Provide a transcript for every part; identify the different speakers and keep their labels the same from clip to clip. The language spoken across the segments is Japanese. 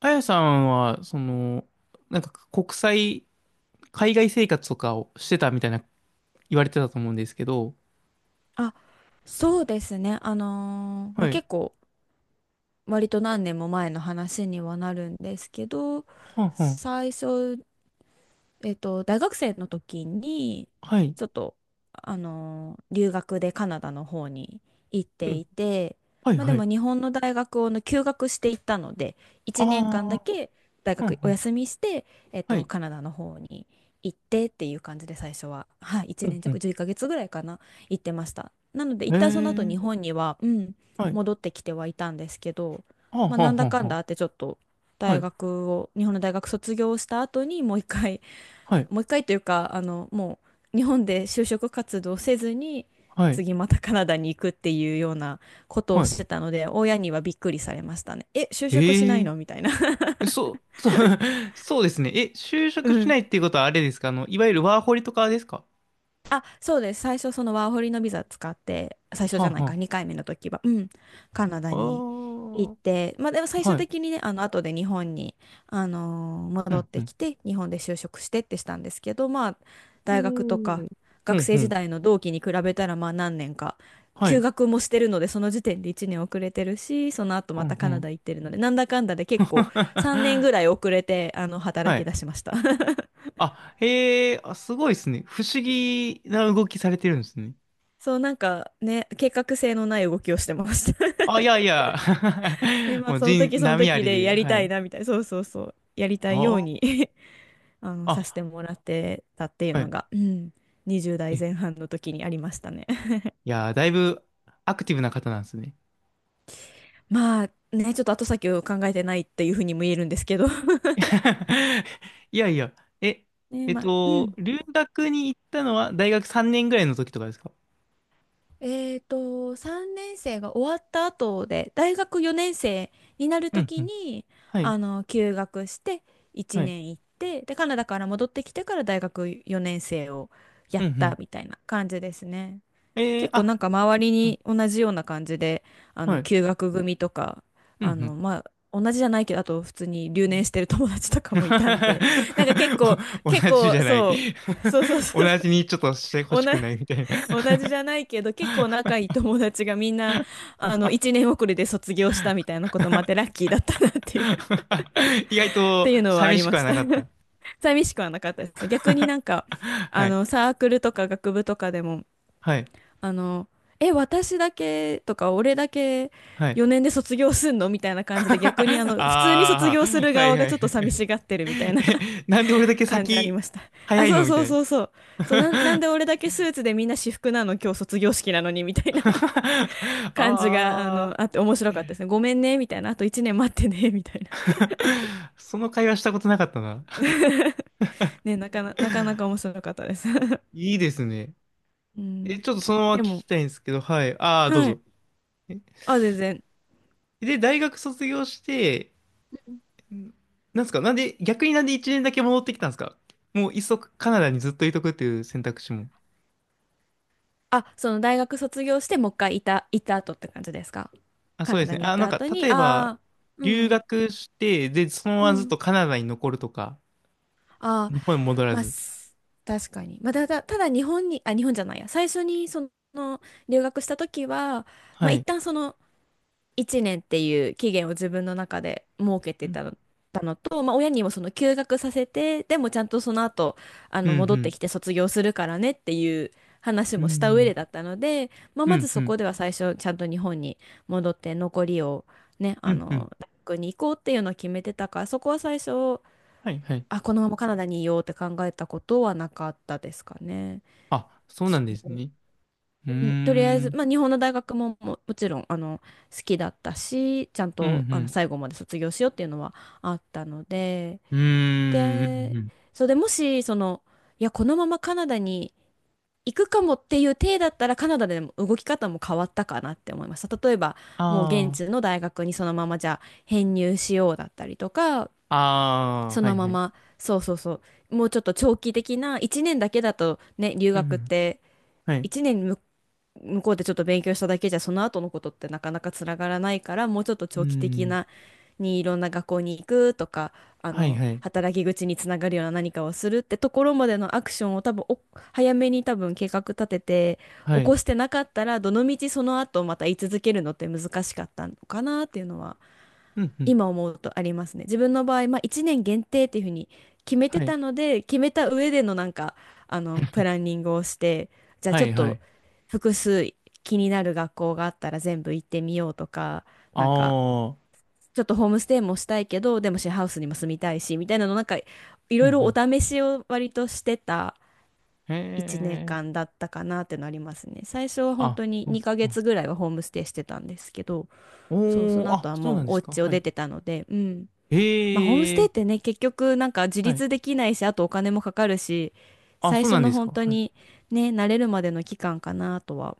Speaker 1: あやさんは、その、なんか国際、海外生活とかをしてたみたいな言われてたと思うんですけど、
Speaker 2: あ、そうですね。ま
Speaker 1: は
Speaker 2: あ、
Speaker 1: い。
Speaker 2: 結構割と何年も前の話にはなるんですけど、
Speaker 1: はんはん。
Speaker 2: 最初大学生の時に、
Speaker 1: はい。
Speaker 2: ちょっと、留学でカナダの方に行っ
Speaker 1: う
Speaker 2: て
Speaker 1: ん。
Speaker 2: いて、
Speaker 1: はい、
Speaker 2: まあで
Speaker 1: は
Speaker 2: も
Speaker 1: い。
Speaker 2: 日本の大学をね休学していったので、
Speaker 1: あ
Speaker 2: 1年間だ
Speaker 1: あ、
Speaker 2: け大
Speaker 1: はん
Speaker 2: 学
Speaker 1: は
Speaker 2: お
Speaker 1: ん。
Speaker 2: 休みして、
Speaker 1: はい。
Speaker 2: カナダの方に行ってっていう感じで最初は、はい、
Speaker 1: う
Speaker 2: 1
Speaker 1: ん、
Speaker 2: 年
Speaker 1: う
Speaker 2: 弱、
Speaker 1: ん。
Speaker 2: 11ヶ月ぐらいかな、行ってました。なので、
Speaker 1: え
Speaker 2: 一旦その後
Speaker 1: え、
Speaker 2: 日本には、うん、
Speaker 1: はい。
Speaker 2: 戻ってきてはいたんですけど、
Speaker 1: はん
Speaker 2: まあ
Speaker 1: は
Speaker 2: な
Speaker 1: ん
Speaker 2: ん
Speaker 1: は
Speaker 2: だ
Speaker 1: ん
Speaker 2: か
Speaker 1: は
Speaker 2: んだあ
Speaker 1: ん。
Speaker 2: ってちょっと、
Speaker 1: は
Speaker 2: 大
Speaker 1: い。
Speaker 2: 学を日本の大学卒業した後にもう一回
Speaker 1: はい。
Speaker 2: もう一回というか、もう日本で就職活動せずに、
Speaker 1: はい。
Speaker 2: 次またカナダに行くっていうようなことを
Speaker 1: は
Speaker 2: し
Speaker 1: い。
Speaker 2: てたので、親にはびっくりされましたね。え、就職しな
Speaker 1: え
Speaker 2: い
Speaker 1: え、
Speaker 2: のみたいな。
Speaker 1: えそうですね。え、就職
Speaker 2: う
Speaker 1: し
Speaker 2: ん。
Speaker 1: ないっていうことはあれですか、あの、いわゆるワーホリとかですか？
Speaker 2: あ、そうです。最初、そのワーホリのビザ使って、最初
Speaker 1: は
Speaker 2: じゃ
Speaker 1: ん
Speaker 2: ない
Speaker 1: は
Speaker 2: か、
Speaker 1: ん。
Speaker 2: 2回目の時は、うん、カナダ
Speaker 1: あ
Speaker 2: に行っ
Speaker 1: あ、
Speaker 2: て、まあでも最
Speaker 1: は
Speaker 2: 終
Speaker 1: い。
Speaker 2: 的にね、後で日本に、
Speaker 1: う
Speaker 2: 戻っ
Speaker 1: ん、う
Speaker 2: て
Speaker 1: ん。
Speaker 2: きて、日本で就職してってしたんですけど、まあ、
Speaker 1: うー
Speaker 2: 大学とか、
Speaker 1: ん。う
Speaker 2: 学
Speaker 1: ん、
Speaker 2: 生
Speaker 1: う
Speaker 2: 時
Speaker 1: ん。
Speaker 2: 代の同期に比べたら、まあ何年か、
Speaker 1: は
Speaker 2: 休
Speaker 1: い。
Speaker 2: 学もしてるので、その時点で1年遅れてるし、その後
Speaker 1: う
Speaker 2: また
Speaker 1: んう
Speaker 2: カナ
Speaker 1: ん。
Speaker 2: ダ行ってるので、なんだかんだで結構3年 ぐらい遅れて、働
Speaker 1: は
Speaker 2: き
Speaker 1: い。
Speaker 2: 出しました。
Speaker 1: あ、へえ、あ、すごいですね。不思議な動きされてるんですね。
Speaker 2: そう、なんかね、計画性のない動きをしてました。
Speaker 1: あ、いやいや。
Speaker 2: で、まあ、
Speaker 1: もう
Speaker 2: その
Speaker 1: 人、
Speaker 2: 時その
Speaker 1: 波あ
Speaker 2: 時
Speaker 1: り
Speaker 2: で
Speaker 1: で、
Speaker 2: やり
Speaker 1: は
Speaker 2: たい
Speaker 1: い。
Speaker 2: な、みたいな。そうそうそう。やり
Speaker 1: あ
Speaker 2: たいよう
Speaker 1: ー
Speaker 2: に させて
Speaker 1: あ、
Speaker 2: もらってたっていう
Speaker 1: は
Speaker 2: の
Speaker 1: い。
Speaker 2: が、うん、20
Speaker 1: え、
Speaker 2: 代
Speaker 1: い
Speaker 2: 前半の時にありましたね。
Speaker 1: やー、だいぶアクティブな方なんですね。
Speaker 2: まあ、ね、ちょっと後先を考えてないっていうふうにも言えるんですけど。
Speaker 1: いやいや。え、
Speaker 2: ね、
Speaker 1: えっ
Speaker 2: まあ、う
Speaker 1: と、
Speaker 2: ん。
Speaker 1: 留学に行ったのは大学3年ぐらいの時とかですか？
Speaker 2: えーと、3年生が終わった後で、大学4年生になる
Speaker 1: う
Speaker 2: と
Speaker 1: んう
Speaker 2: き
Speaker 1: ん。
Speaker 2: に、
Speaker 1: はい。
Speaker 2: 休学して1
Speaker 1: はい。
Speaker 2: 年行って、で、カナダから戻ってきてから大学4年生をや
Speaker 1: うん
Speaker 2: っ
Speaker 1: う
Speaker 2: た
Speaker 1: ん。
Speaker 2: みたいな感じですね。
Speaker 1: えー、
Speaker 2: 結構なん
Speaker 1: あ、
Speaker 2: か周り
Speaker 1: うん
Speaker 2: に同じような感じで、
Speaker 1: はい。
Speaker 2: 休学組とか、
Speaker 1: うんうん。
Speaker 2: まあ、同じじゃないけど、あと普通に留年してる友達とかもいたんで、なんか結構、
Speaker 1: お
Speaker 2: 結
Speaker 1: 同じじ
Speaker 2: 構、
Speaker 1: ゃない。
Speaker 2: そう、そうそう そうそ
Speaker 1: 同じ
Speaker 2: う、
Speaker 1: にちょっとしてほ
Speaker 2: お
Speaker 1: し
Speaker 2: な
Speaker 1: くないみたいな。
Speaker 2: 同じじゃないけど、結構仲いい友達がみんな、一年遅れで卒業したみたいなこともあって、ラッキーだったなっていう っ
Speaker 1: 意外
Speaker 2: て
Speaker 1: と
Speaker 2: いうのはあ
Speaker 1: 寂
Speaker 2: り
Speaker 1: し
Speaker 2: ま
Speaker 1: くは
Speaker 2: し
Speaker 1: な
Speaker 2: た。
Speaker 1: かった。
Speaker 2: 寂しくはなかったですね。逆にな んか、
Speaker 1: はい。
Speaker 2: サークルとか学部とかでも、
Speaker 1: はい。
Speaker 2: あの、え、私だけとか、俺だけ
Speaker 1: はい。
Speaker 2: 4年で卒業すんのみたいな感じで、逆に普通に卒
Speaker 1: ああ、
Speaker 2: 業する
Speaker 1: はい
Speaker 2: 側
Speaker 1: は
Speaker 2: が
Speaker 1: いは
Speaker 2: ちょっと寂
Speaker 1: い。
Speaker 2: しがってるみたいな
Speaker 1: え、なんで俺 だけ
Speaker 2: 感じあり
Speaker 1: 先
Speaker 2: ました。
Speaker 1: 早
Speaker 2: あ、
Speaker 1: い
Speaker 2: そ
Speaker 1: の
Speaker 2: う
Speaker 1: み
Speaker 2: そ
Speaker 1: た
Speaker 2: う
Speaker 1: いな。
Speaker 2: そうそう。そう、なんで俺だけスーツでみんな私服なの今日卒業式なのにみたいな
Speaker 1: あ
Speaker 2: 感じが、
Speaker 1: あ、
Speaker 2: あって面白かったですね。ごめんね、みたいな。あと1年待ってね、みたいな。
Speaker 1: その会話したことなかったな。
Speaker 2: ね、なかなか面白かったです。
Speaker 1: いいですね。
Speaker 2: う
Speaker 1: え、
Speaker 2: ん。
Speaker 1: ちょっとそのまま聞
Speaker 2: で
Speaker 1: き
Speaker 2: も、
Speaker 1: たいんですけど、はい。ああ、どう
Speaker 2: はい。
Speaker 1: ぞ。
Speaker 2: あ、全然。
Speaker 1: で、大学卒業して、ん、なんですか、なんで、逆になんで1年だけ戻ってきたんですか？もう、いっそカナダにずっといとくっていう選択肢も。
Speaker 2: あ、その大学卒業して、もう一回行った後って感じですか？
Speaker 1: あ、
Speaker 2: カ
Speaker 1: そう
Speaker 2: ナ
Speaker 1: です
Speaker 2: ダ
Speaker 1: ね。
Speaker 2: に行っ
Speaker 1: あ、な
Speaker 2: た
Speaker 1: んか、
Speaker 2: 後に、
Speaker 1: 例え
Speaker 2: あ
Speaker 1: ば、
Speaker 2: あ、う
Speaker 1: 留
Speaker 2: ん、
Speaker 1: 学して、で、そのま
Speaker 2: う
Speaker 1: まずっ
Speaker 2: ん、
Speaker 1: とカナダに残るとか、
Speaker 2: ああ、
Speaker 1: 日本に戻ら
Speaker 2: まあ、
Speaker 1: ず。
Speaker 2: 確かに。まあ、ただ日本に、あ、日本じゃないや、最初にその留学した時は、ま
Speaker 1: は
Speaker 2: あ、一
Speaker 1: い。
Speaker 2: 旦その1年っていう期限を自分の中で設け
Speaker 1: う
Speaker 2: て
Speaker 1: ん、
Speaker 2: たの、たのと、まあ、親にもその休学させてでもちゃんとその後
Speaker 1: う
Speaker 2: 戻って
Speaker 1: ん、
Speaker 2: きて卒業するからねっていう話
Speaker 1: う
Speaker 2: もした上
Speaker 1: ん、
Speaker 2: でだったので、まあ、
Speaker 1: う
Speaker 2: ま
Speaker 1: ん、
Speaker 2: ず
Speaker 1: う
Speaker 2: そ
Speaker 1: ん、
Speaker 2: こでは最初ちゃんと日本に戻って残りをね
Speaker 1: うん、うん。
Speaker 2: 大学に行こうっていうのを決めてたから、そこは最初
Speaker 1: はい、はい。
Speaker 2: このままカナダにいようって考えたことはなかったですかね。
Speaker 1: あ、そうなんですね。うーん、
Speaker 2: うん。とりあえ
Speaker 1: う
Speaker 2: ず、
Speaker 1: ん、
Speaker 2: まあ、日本の大学も、もちろん好きだったし、ちゃん
Speaker 1: う
Speaker 2: と
Speaker 1: ん、
Speaker 2: 最後まで卒業しようっていうのはあったので
Speaker 1: うーん、
Speaker 2: で
Speaker 1: うん。
Speaker 2: それでもしいやこのままカナダに行くかもっていう体だったら、カナダでも動き方も変わったかなって思いました。例えばもう現
Speaker 1: あ
Speaker 2: 地の大学にそのままじゃあ編入しようだったりとか、
Speaker 1: あー、ああ、
Speaker 2: そ
Speaker 1: は
Speaker 2: の
Speaker 1: い、
Speaker 2: ま
Speaker 1: はい。
Speaker 2: ま、そうそうそう、もうちょっと長期的な、1年だけだとね、留
Speaker 1: う
Speaker 2: 学っ
Speaker 1: ん、
Speaker 2: て
Speaker 1: はい。
Speaker 2: 1年向こうでちょっと勉強しただけじゃその後のことってなかなかつながらないから、もうちょっと
Speaker 1: う
Speaker 2: 長期的
Speaker 1: ん、
Speaker 2: なにいろんな学校に行くとか、
Speaker 1: はい、はい。
Speaker 2: 働き口につながるような何かをするってところまでのアクションを多分早めに多分計画立てて
Speaker 1: は
Speaker 2: 起こ
Speaker 1: い。
Speaker 2: してなかったら、どのみちその後また居続けるのって難しかったのかなっていうのは
Speaker 1: うん、うん。
Speaker 2: 今思うとありますね。自分の場合、まあ、1年限定っていうふうに決めて
Speaker 1: はい。
Speaker 2: たので、決めた上でのなんか、プランニングをして、じゃあ
Speaker 1: は
Speaker 2: ちょっ
Speaker 1: い、は
Speaker 2: と
Speaker 1: い。
Speaker 2: 複数気になる学校があったら全部行ってみようとか、
Speaker 1: あ
Speaker 2: なんか、
Speaker 1: あ。
Speaker 2: ちょっとホームステイもしたいけど、でもシェアハウスにも住みたいし、みたいなの、なんか、い
Speaker 1: うん、
Speaker 2: ろいろお
Speaker 1: う
Speaker 2: 試しを割としてた
Speaker 1: ん。へ
Speaker 2: 1年
Speaker 1: え。
Speaker 2: 間だったかなってのありますね。最初は本
Speaker 1: あ、
Speaker 2: 当に
Speaker 1: うん、
Speaker 2: 2ヶ
Speaker 1: う
Speaker 2: 月ぐらいはホームステイしてたんですけど、そう、そ
Speaker 1: ん。お
Speaker 2: の
Speaker 1: ー、
Speaker 2: 後
Speaker 1: あ、
Speaker 2: は
Speaker 1: そう
Speaker 2: も
Speaker 1: な
Speaker 2: う
Speaker 1: んで
Speaker 2: お
Speaker 1: すか。
Speaker 2: 家を
Speaker 1: は
Speaker 2: 出
Speaker 1: い。
Speaker 2: てたので、うん。まあ、ホームス
Speaker 1: へ
Speaker 2: テイ
Speaker 1: え。
Speaker 2: ってね、結局なんか自
Speaker 1: はい。
Speaker 2: 立できないし、あとお金もかかるし、
Speaker 1: あ、
Speaker 2: 最
Speaker 1: そう
Speaker 2: 初
Speaker 1: なん
Speaker 2: の
Speaker 1: です
Speaker 2: 本
Speaker 1: か。
Speaker 2: 当
Speaker 1: はい。
Speaker 2: にね、慣れるまでの期間かなとは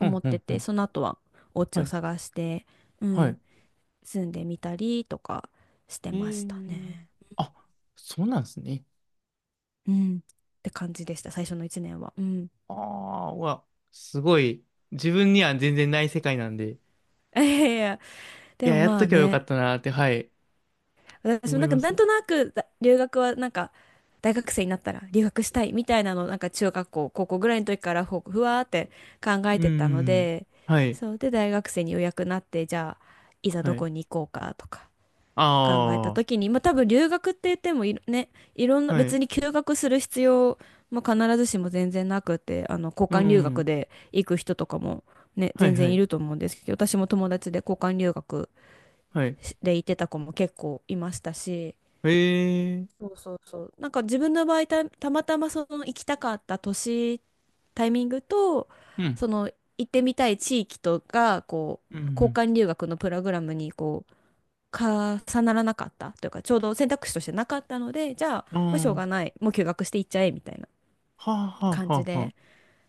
Speaker 1: う
Speaker 2: 思
Speaker 1: ん、
Speaker 2: っ
Speaker 1: う
Speaker 2: て
Speaker 1: ん、う
Speaker 2: て、
Speaker 1: ん。
Speaker 2: その後はお家
Speaker 1: は
Speaker 2: を
Speaker 1: い。
Speaker 2: 探して、う
Speaker 1: は
Speaker 2: ん、
Speaker 1: い。
Speaker 2: 住んでみたりとかして
Speaker 1: へ
Speaker 2: ました
Speaker 1: え。
Speaker 2: ね。
Speaker 1: あ、そうなんですね。
Speaker 2: うん、って感じでした、最初の1年は。うん。
Speaker 1: ああ、うわ、すごい。自分には全然ない世界なんで。い
Speaker 2: いやいや、で
Speaker 1: や、
Speaker 2: も
Speaker 1: やっ
Speaker 2: ま
Speaker 1: と
Speaker 2: あ
Speaker 1: けばよかっ
Speaker 2: ね、
Speaker 1: たなーって、はい。
Speaker 2: 私も
Speaker 1: 思い
Speaker 2: なんか
Speaker 1: ま
Speaker 2: な
Speaker 1: す。
Speaker 2: んとなく留学はなんか、大学生になったら留学したいみたいなのをなんか中学校高校ぐらいの時からふわーって考
Speaker 1: う
Speaker 2: え
Speaker 1: ー
Speaker 2: てたの
Speaker 1: ん。
Speaker 2: で、
Speaker 1: はい。
Speaker 2: そうで大学生にようやくなって、じゃあいざ
Speaker 1: は
Speaker 2: ど
Speaker 1: い。
Speaker 2: こに行こうかとか考えた
Speaker 1: あ
Speaker 2: 時
Speaker 1: あ。
Speaker 2: に、まあ多分留学って言ってもね、いろんな、
Speaker 1: はい。
Speaker 2: 別
Speaker 1: う
Speaker 2: に休学する必要も必ずしも全然なくて、交
Speaker 1: ー
Speaker 2: 換留学
Speaker 1: ん。
Speaker 2: で行く人とかもね
Speaker 1: はい、
Speaker 2: 全
Speaker 1: は
Speaker 2: 然い
Speaker 1: い。
Speaker 2: ると思うんですけど、私も友達で交換留学
Speaker 1: はい。
Speaker 2: で行ってた子も結構いましたし。
Speaker 1: へえ、
Speaker 2: そうそうそう。なんか自分の場合たまたまその行きたかった年、タイミングと、
Speaker 1: うん、
Speaker 2: その行ってみたい地域とが、こ
Speaker 1: う
Speaker 2: う、交
Speaker 1: ん、
Speaker 2: 換留学のプログラムにこう、重ならなかったというか、ちょうど選択肢としてなかったので、じゃあ、
Speaker 1: う
Speaker 2: まあ、しょうが
Speaker 1: ん、
Speaker 2: ない、もう休学していっちゃえみたいな
Speaker 1: ああ、はあ、
Speaker 2: 感
Speaker 1: はあ、
Speaker 2: じ
Speaker 1: はあ、は
Speaker 2: で。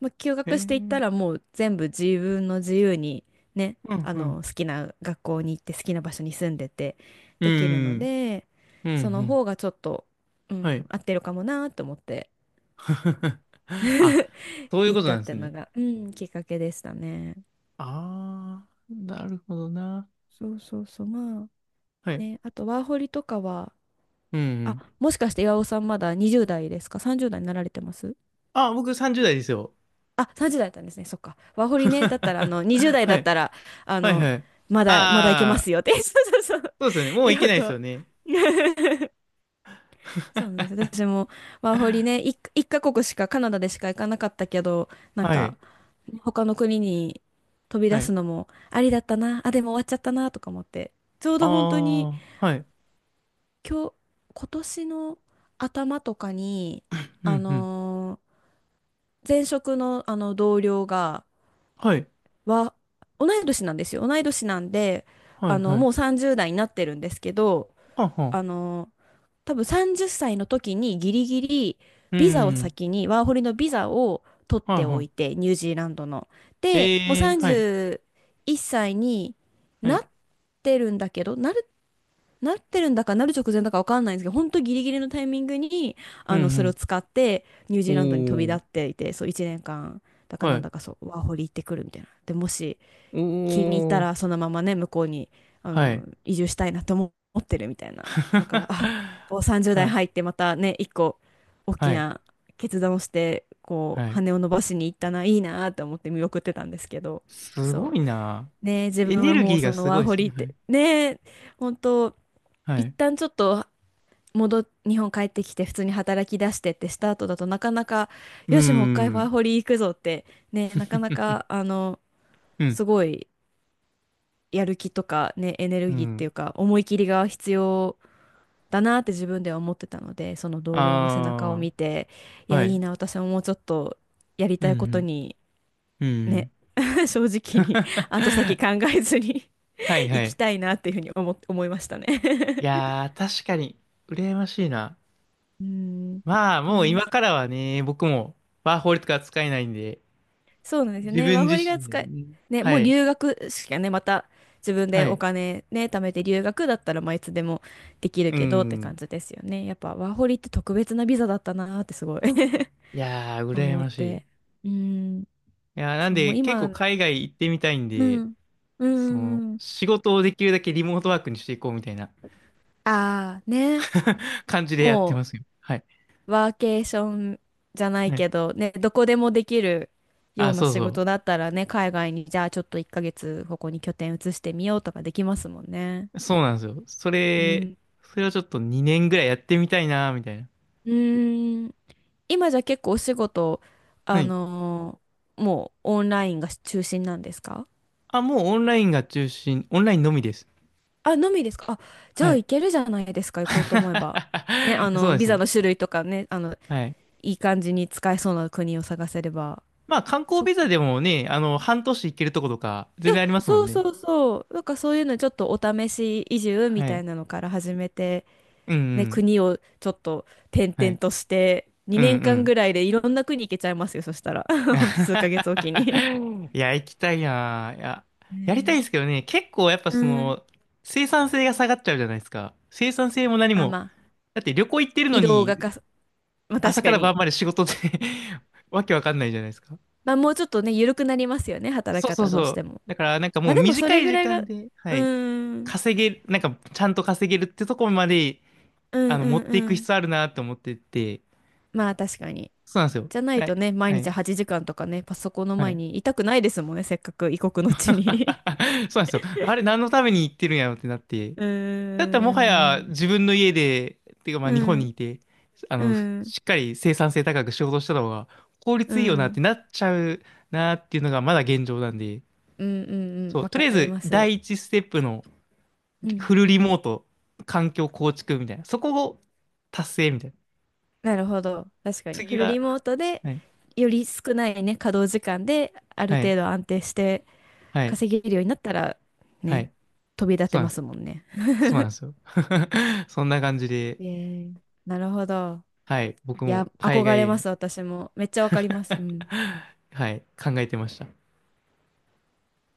Speaker 2: まあ、休
Speaker 1: あ、へえ、
Speaker 2: 学
Speaker 1: う
Speaker 2: していった
Speaker 1: ん、
Speaker 2: らもう全部自分の自由にね、
Speaker 1: うん、
Speaker 2: 好きな学校に行って好きな場所に住んでて
Speaker 1: う
Speaker 2: できるの
Speaker 1: ん、
Speaker 2: で、
Speaker 1: うん、う
Speaker 2: その
Speaker 1: ん、
Speaker 2: 方がちょっと、う
Speaker 1: は
Speaker 2: ん、
Speaker 1: い。
Speaker 2: 合ってるかもなと思って
Speaker 1: あ、そういう
Speaker 2: 行
Speaker 1: こ
Speaker 2: っ
Speaker 1: と
Speaker 2: た
Speaker 1: な
Speaker 2: っ
Speaker 1: んです
Speaker 2: ての
Speaker 1: ね。
Speaker 2: が、うん、きっかけでしたね。
Speaker 1: ああ、なるほどな。
Speaker 2: そうそうそう、まあ
Speaker 1: はい。
Speaker 2: ね、あとワーホリとかは、
Speaker 1: うん、う
Speaker 2: あ、
Speaker 1: ん。
Speaker 2: もしかして岩尾さんまだ20代ですか？ 30 代になられてます？
Speaker 1: あ、僕30代ですよ。
Speaker 2: あ、30代だったんですね。そっか。ワー ホリね。だったら、20代
Speaker 1: は
Speaker 2: だっ
Speaker 1: い。
Speaker 2: たら、あ
Speaker 1: はい、
Speaker 2: の、
Speaker 1: はい。
Speaker 2: まだいけま
Speaker 1: あ
Speaker 2: す
Speaker 1: あ、
Speaker 2: よって。そうそうそう。
Speaker 1: そうですよね。もうい
Speaker 2: 言
Speaker 1: け
Speaker 2: おう
Speaker 1: ないですよ
Speaker 2: と。
Speaker 1: ね。
Speaker 2: そうなんです。私もワーホリね、一カ国しか、カナダでしか行かなかったけど、なん
Speaker 1: は
Speaker 2: か、
Speaker 1: い、
Speaker 2: 他の国に飛び
Speaker 1: は
Speaker 2: 出す
Speaker 1: い。
Speaker 2: のもありだったな。あ、でも終わっちゃったな、とか思って。ちょう
Speaker 1: あ
Speaker 2: ど本当に、
Speaker 1: あ、はい。
Speaker 2: 今日、今年の頭とかに、
Speaker 1: う
Speaker 2: あ
Speaker 1: ん、うん。
Speaker 2: のー前職の、同僚が、
Speaker 1: はい、
Speaker 2: は、同い年なんですよ。同い年なんで、
Speaker 1: はい、はい。
Speaker 2: もう30代になってるんですけど、
Speaker 1: はあ、は
Speaker 2: あ
Speaker 1: あ。
Speaker 2: の、多分30歳の時にギリギリ
Speaker 1: う
Speaker 2: ビザを
Speaker 1: ん、
Speaker 2: 先に、ワーホリのビザを取っ
Speaker 1: はい、
Speaker 2: て
Speaker 1: は
Speaker 2: おい
Speaker 1: い。
Speaker 2: て、ニュージーランドの。で、もう
Speaker 1: ええ、はい、
Speaker 2: 31歳に
Speaker 1: は
Speaker 2: な
Speaker 1: い。
Speaker 2: ってるんだけど、なってるんだかなる直前だかわかんないんですけど、本当ギリギリのタイミングに、
Speaker 1: う
Speaker 2: それを
Speaker 1: ん、
Speaker 2: 使ってニュー
Speaker 1: う
Speaker 2: ジーランドに飛び
Speaker 1: ん。お
Speaker 2: 立っ
Speaker 1: ー、
Speaker 2: ていて、そう1年間だか
Speaker 1: は
Speaker 2: なん
Speaker 1: い。
Speaker 2: だかそう、ワーホリ行ってくるみたいな。で、もし、
Speaker 1: お
Speaker 2: 気に入った
Speaker 1: ー、
Speaker 2: らそのままね、向こうに
Speaker 1: はい。
Speaker 2: 移住したいなと思ってるみたいな。だから、あお、 30
Speaker 1: は
Speaker 2: 代
Speaker 1: い、
Speaker 2: 入ってまたね、一個大き
Speaker 1: はい、
Speaker 2: な決断をして、こ
Speaker 1: は
Speaker 2: う
Speaker 1: い。
Speaker 2: 羽を伸ばしに行ったな、いいなと思って見送ってたんですけど、
Speaker 1: すご
Speaker 2: そ
Speaker 1: いな。
Speaker 2: うねえ、自
Speaker 1: エ
Speaker 2: 分
Speaker 1: ネ
Speaker 2: は
Speaker 1: ル
Speaker 2: も
Speaker 1: ギ
Speaker 2: う
Speaker 1: ーが
Speaker 2: その
Speaker 1: すご
Speaker 2: ワー
Speaker 1: いで
Speaker 2: ホ
Speaker 1: すね。
Speaker 2: リっ
Speaker 1: はい、
Speaker 2: てねえ、本当
Speaker 1: は
Speaker 2: 一
Speaker 1: い。
Speaker 2: 旦ちょっと日本帰ってきて普通に働き出してってした後だとなかなか、
Speaker 1: うー
Speaker 2: よしもう一回ワー
Speaker 1: ん。
Speaker 2: ホリ行くぞって、ねえ、なかなか
Speaker 1: うん、
Speaker 2: すごいやる気とかね、エネ
Speaker 1: う
Speaker 2: ルギーって
Speaker 1: ん。
Speaker 2: いうか、思い切りが必要だなって自分では思ってたので、その同僚の背中を
Speaker 1: あ
Speaker 2: 見て、い
Speaker 1: あ、
Speaker 2: や、
Speaker 1: は
Speaker 2: いい
Speaker 1: い。
Speaker 2: な、私ももうちょっとやり
Speaker 1: う
Speaker 2: たいこと
Speaker 1: ん、
Speaker 2: に、
Speaker 1: うん、うんう
Speaker 2: ね、
Speaker 1: ん。
Speaker 2: 正直に 後先考えずに
Speaker 1: はい、
Speaker 2: 行
Speaker 1: は
Speaker 2: き
Speaker 1: い。
Speaker 2: たいなっていうふうに思いましたね。
Speaker 1: いやー、確かに、羨ましいな。
Speaker 2: うん。
Speaker 1: まあ、もう
Speaker 2: ね、
Speaker 1: 今からはね、僕もワーホリとか使えないんで、
Speaker 2: そうなんですよ
Speaker 1: 自
Speaker 2: ね。ワー
Speaker 1: 分自
Speaker 2: ホリが
Speaker 1: 身で
Speaker 2: 使え、
Speaker 1: ね。
Speaker 2: ね、
Speaker 1: は
Speaker 2: もう
Speaker 1: い。
Speaker 2: 留学しかね、また自分
Speaker 1: は
Speaker 2: でお
Speaker 1: い。
Speaker 2: 金ね、貯めて留学だったら、まあ、いつでもできる
Speaker 1: う
Speaker 2: けどって
Speaker 1: ん。
Speaker 2: 感じですよね。やっぱワーホリって特別なビザだったなーってすごい
Speaker 1: いやー、羨
Speaker 2: 思っ
Speaker 1: ましい。い
Speaker 2: て。うん、
Speaker 1: やー、なん
Speaker 2: そう、も
Speaker 1: で、
Speaker 2: う
Speaker 1: 結構
Speaker 2: 今、
Speaker 1: 海外行ってみたいん
Speaker 2: う
Speaker 1: で、
Speaker 2: ん、
Speaker 1: その、
Speaker 2: うん、
Speaker 1: 仕事をできるだけリモートワークにしていこうみたいな。
Speaker 2: ああ、ね、
Speaker 1: 感じでやって
Speaker 2: も
Speaker 1: ますよ。はい。
Speaker 2: うワーケーションじゃない
Speaker 1: はい。
Speaker 2: けど、ね、どこでもできるよう
Speaker 1: あ、
Speaker 2: な
Speaker 1: そう
Speaker 2: 仕
Speaker 1: そ
Speaker 2: 事だったらね、海外にじゃあちょっと1ヶ月ここに拠点移してみようとかできますもんね。
Speaker 1: う。そうなんですよ。そ
Speaker 2: う
Speaker 1: れ、
Speaker 2: ん、
Speaker 1: それをちょっと2年ぐらいやってみたいなーみたいな。
Speaker 2: うーん。今じゃ結構お仕事、
Speaker 1: は
Speaker 2: あ
Speaker 1: い。
Speaker 2: のもうオンラインが中心なんですか？
Speaker 1: あ、もうオンラインが中心、オンラインのみです。
Speaker 2: あ、のみですか？あ、じゃ
Speaker 1: は
Speaker 2: あ
Speaker 1: い。
Speaker 2: 行けるじゃないですか、行こうと思えば。ね、
Speaker 1: そうで
Speaker 2: ビ
Speaker 1: す
Speaker 2: ザ
Speaker 1: ね。
Speaker 2: の種類とかね、
Speaker 1: はい。
Speaker 2: いい感じに使えそうな国を探せれば。
Speaker 1: まあ観光
Speaker 2: そっ
Speaker 1: ビ
Speaker 2: か。
Speaker 1: ザでもね、あの、半年行けるとことか、
Speaker 2: い
Speaker 1: 全
Speaker 2: や、
Speaker 1: 然ありますも
Speaker 2: そ
Speaker 1: ん
Speaker 2: う
Speaker 1: ね。
Speaker 2: そうそう。なんかそういうのちょっとお試し移住み
Speaker 1: は
Speaker 2: た
Speaker 1: い。
Speaker 2: いなのから始めて、
Speaker 1: うんう
Speaker 2: ね、
Speaker 1: ん。
Speaker 2: 国をちょっと転
Speaker 1: は
Speaker 2: 々
Speaker 1: い。
Speaker 2: として、
Speaker 1: うん
Speaker 2: 2
Speaker 1: う
Speaker 2: 年間
Speaker 1: ん。
Speaker 2: ぐらいでいろんな国行けちゃいますよ、そしたら。ほんと数ヶ月おきに。
Speaker 1: いや、行きたいなぁ。いや、やりたいん
Speaker 2: ね、
Speaker 1: ですけどね、結構やっぱ
Speaker 2: う
Speaker 1: そ
Speaker 2: ん。
Speaker 1: の、生産性が下がっちゃうじゃないですか。生産性も何
Speaker 2: あ、
Speaker 1: も。
Speaker 2: まあ、
Speaker 1: だって旅行行ってるの
Speaker 2: 移動が
Speaker 1: に、
Speaker 2: かさ、まあ確
Speaker 1: 朝か
Speaker 2: か
Speaker 1: ら
Speaker 2: に。
Speaker 1: 晩まで仕事で、 わけわかんないじゃないですか。
Speaker 2: まあもうちょっとね、緩くなりますよね、働き
Speaker 1: そうそう
Speaker 2: 方どう
Speaker 1: そ
Speaker 2: し
Speaker 1: う。
Speaker 2: ても。
Speaker 1: だからなんかも
Speaker 2: まあ
Speaker 1: う
Speaker 2: でもそ
Speaker 1: 短
Speaker 2: れ
Speaker 1: い
Speaker 2: ぐ
Speaker 1: 時
Speaker 2: らいが、
Speaker 1: 間で、は
Speaker 2: うーん、
Speaker 1: い。
Speaker 2: うん、
Speaker 1: 稼げる、なんかちゃんと稼げるってとこまで
Speaker 2: う
Speaker 1: あ
Speaker 2: ん、
Speaker 1: の、持ってい
Speaker 2: う
Speaker 1: く
Speaker 2: ん。
Speaker 1: 必要あるなと思ってて、
Speaker 2: まあ確かに。
Speaker 1: そうなんですよ。
Speaker 2: じゃない
Speaker 1: は
Speaker 2: と
Speaker 1: い、
Speaker 2: ね、毎
Speaker 1: は
Speaker 2: 日
Speaker 1: い、
Speaker 2: 8時間とかね、パソコンの
Speaker 1: は
Speaker 2: 前
Speaker 1: い。
Speaker 2: にいたくないですもんね、せっかく異国の地に。
Speaker 1: そうなんですよ。あれ、何のために行ってるんやろってなって。
Speaker 2: う
Speaker 1: だったらもは
Speaker 2: ー
Speaker 1: や
Speaker 2: ん、
Speaker 1: 自分の家で、っていうかまあ
Speaker 2: う
Speaker 1: 日本に
Speaker 2: ん、
Speaker 1: いて、あ
Speaker 2: う
Speaker 1: の、ふ
Speaker 2: ん、うん、
Speaker 1: しっかり生産性高く仕事した方が効
Speaker 2: う
Speaker 1: 率いいよなっ
Speaker 2: ん、
Speaker 1: てなっちゃうなっていうのがまだ現状なんで、
Speaker 2: うん、うん、
Speaker 1: そう、
Speaker 2: わ
Speaker 1: と
Speaker 2: か
Speaker 1: りあえ
Speaker 2: り
Speaker 1: ず
Speaker 2: ます。
Speaker 1: 第一ステップの
Speaker 2: うん。
Speaker 1: フルリモート、環境構築みたいな、そこを達成みたいな。
Speaker 2: なるほど。確かに。フ
Speaker 1: 次
Speaker 2: ル
Speaker 1: は、
Speaker 2: リモートで、
Speaker 1: はい、
Speaker 2: より少ないね、稼働時間で、ある
Speaker 1: はい、
Speaker 2: 程度安定して、
Speaker 1: はい、
Speaker 2: 稼げるようになったら、
Speaker 1: は
Speaker 2: ね、
Speaker 1: い。
Speaker 2: 飛び立
Speaker 1: そ
Speaker 2: て
Speaker 1: うなん
Speaker 2: ま
Speaker 1: で
Speaker 2: す
Speaker 1: す。
Speaker 2: もんね。
Speaker 1: そうなんですよ。そんな感じで、
Speaker 2: えー、なるほど。
Speaker 1: はい、僕
Speaker 2: い
Speaker 1: も
Speaker 2: や、
Speaker 1: 海
Speaker 2: 憧れ
Speaker 1: 外
Speaker 2: ま
Speaker 1: に。
Speaker 2: す、私も。めっちゃわかります。うん。
Speaker 1: はい、考えてました。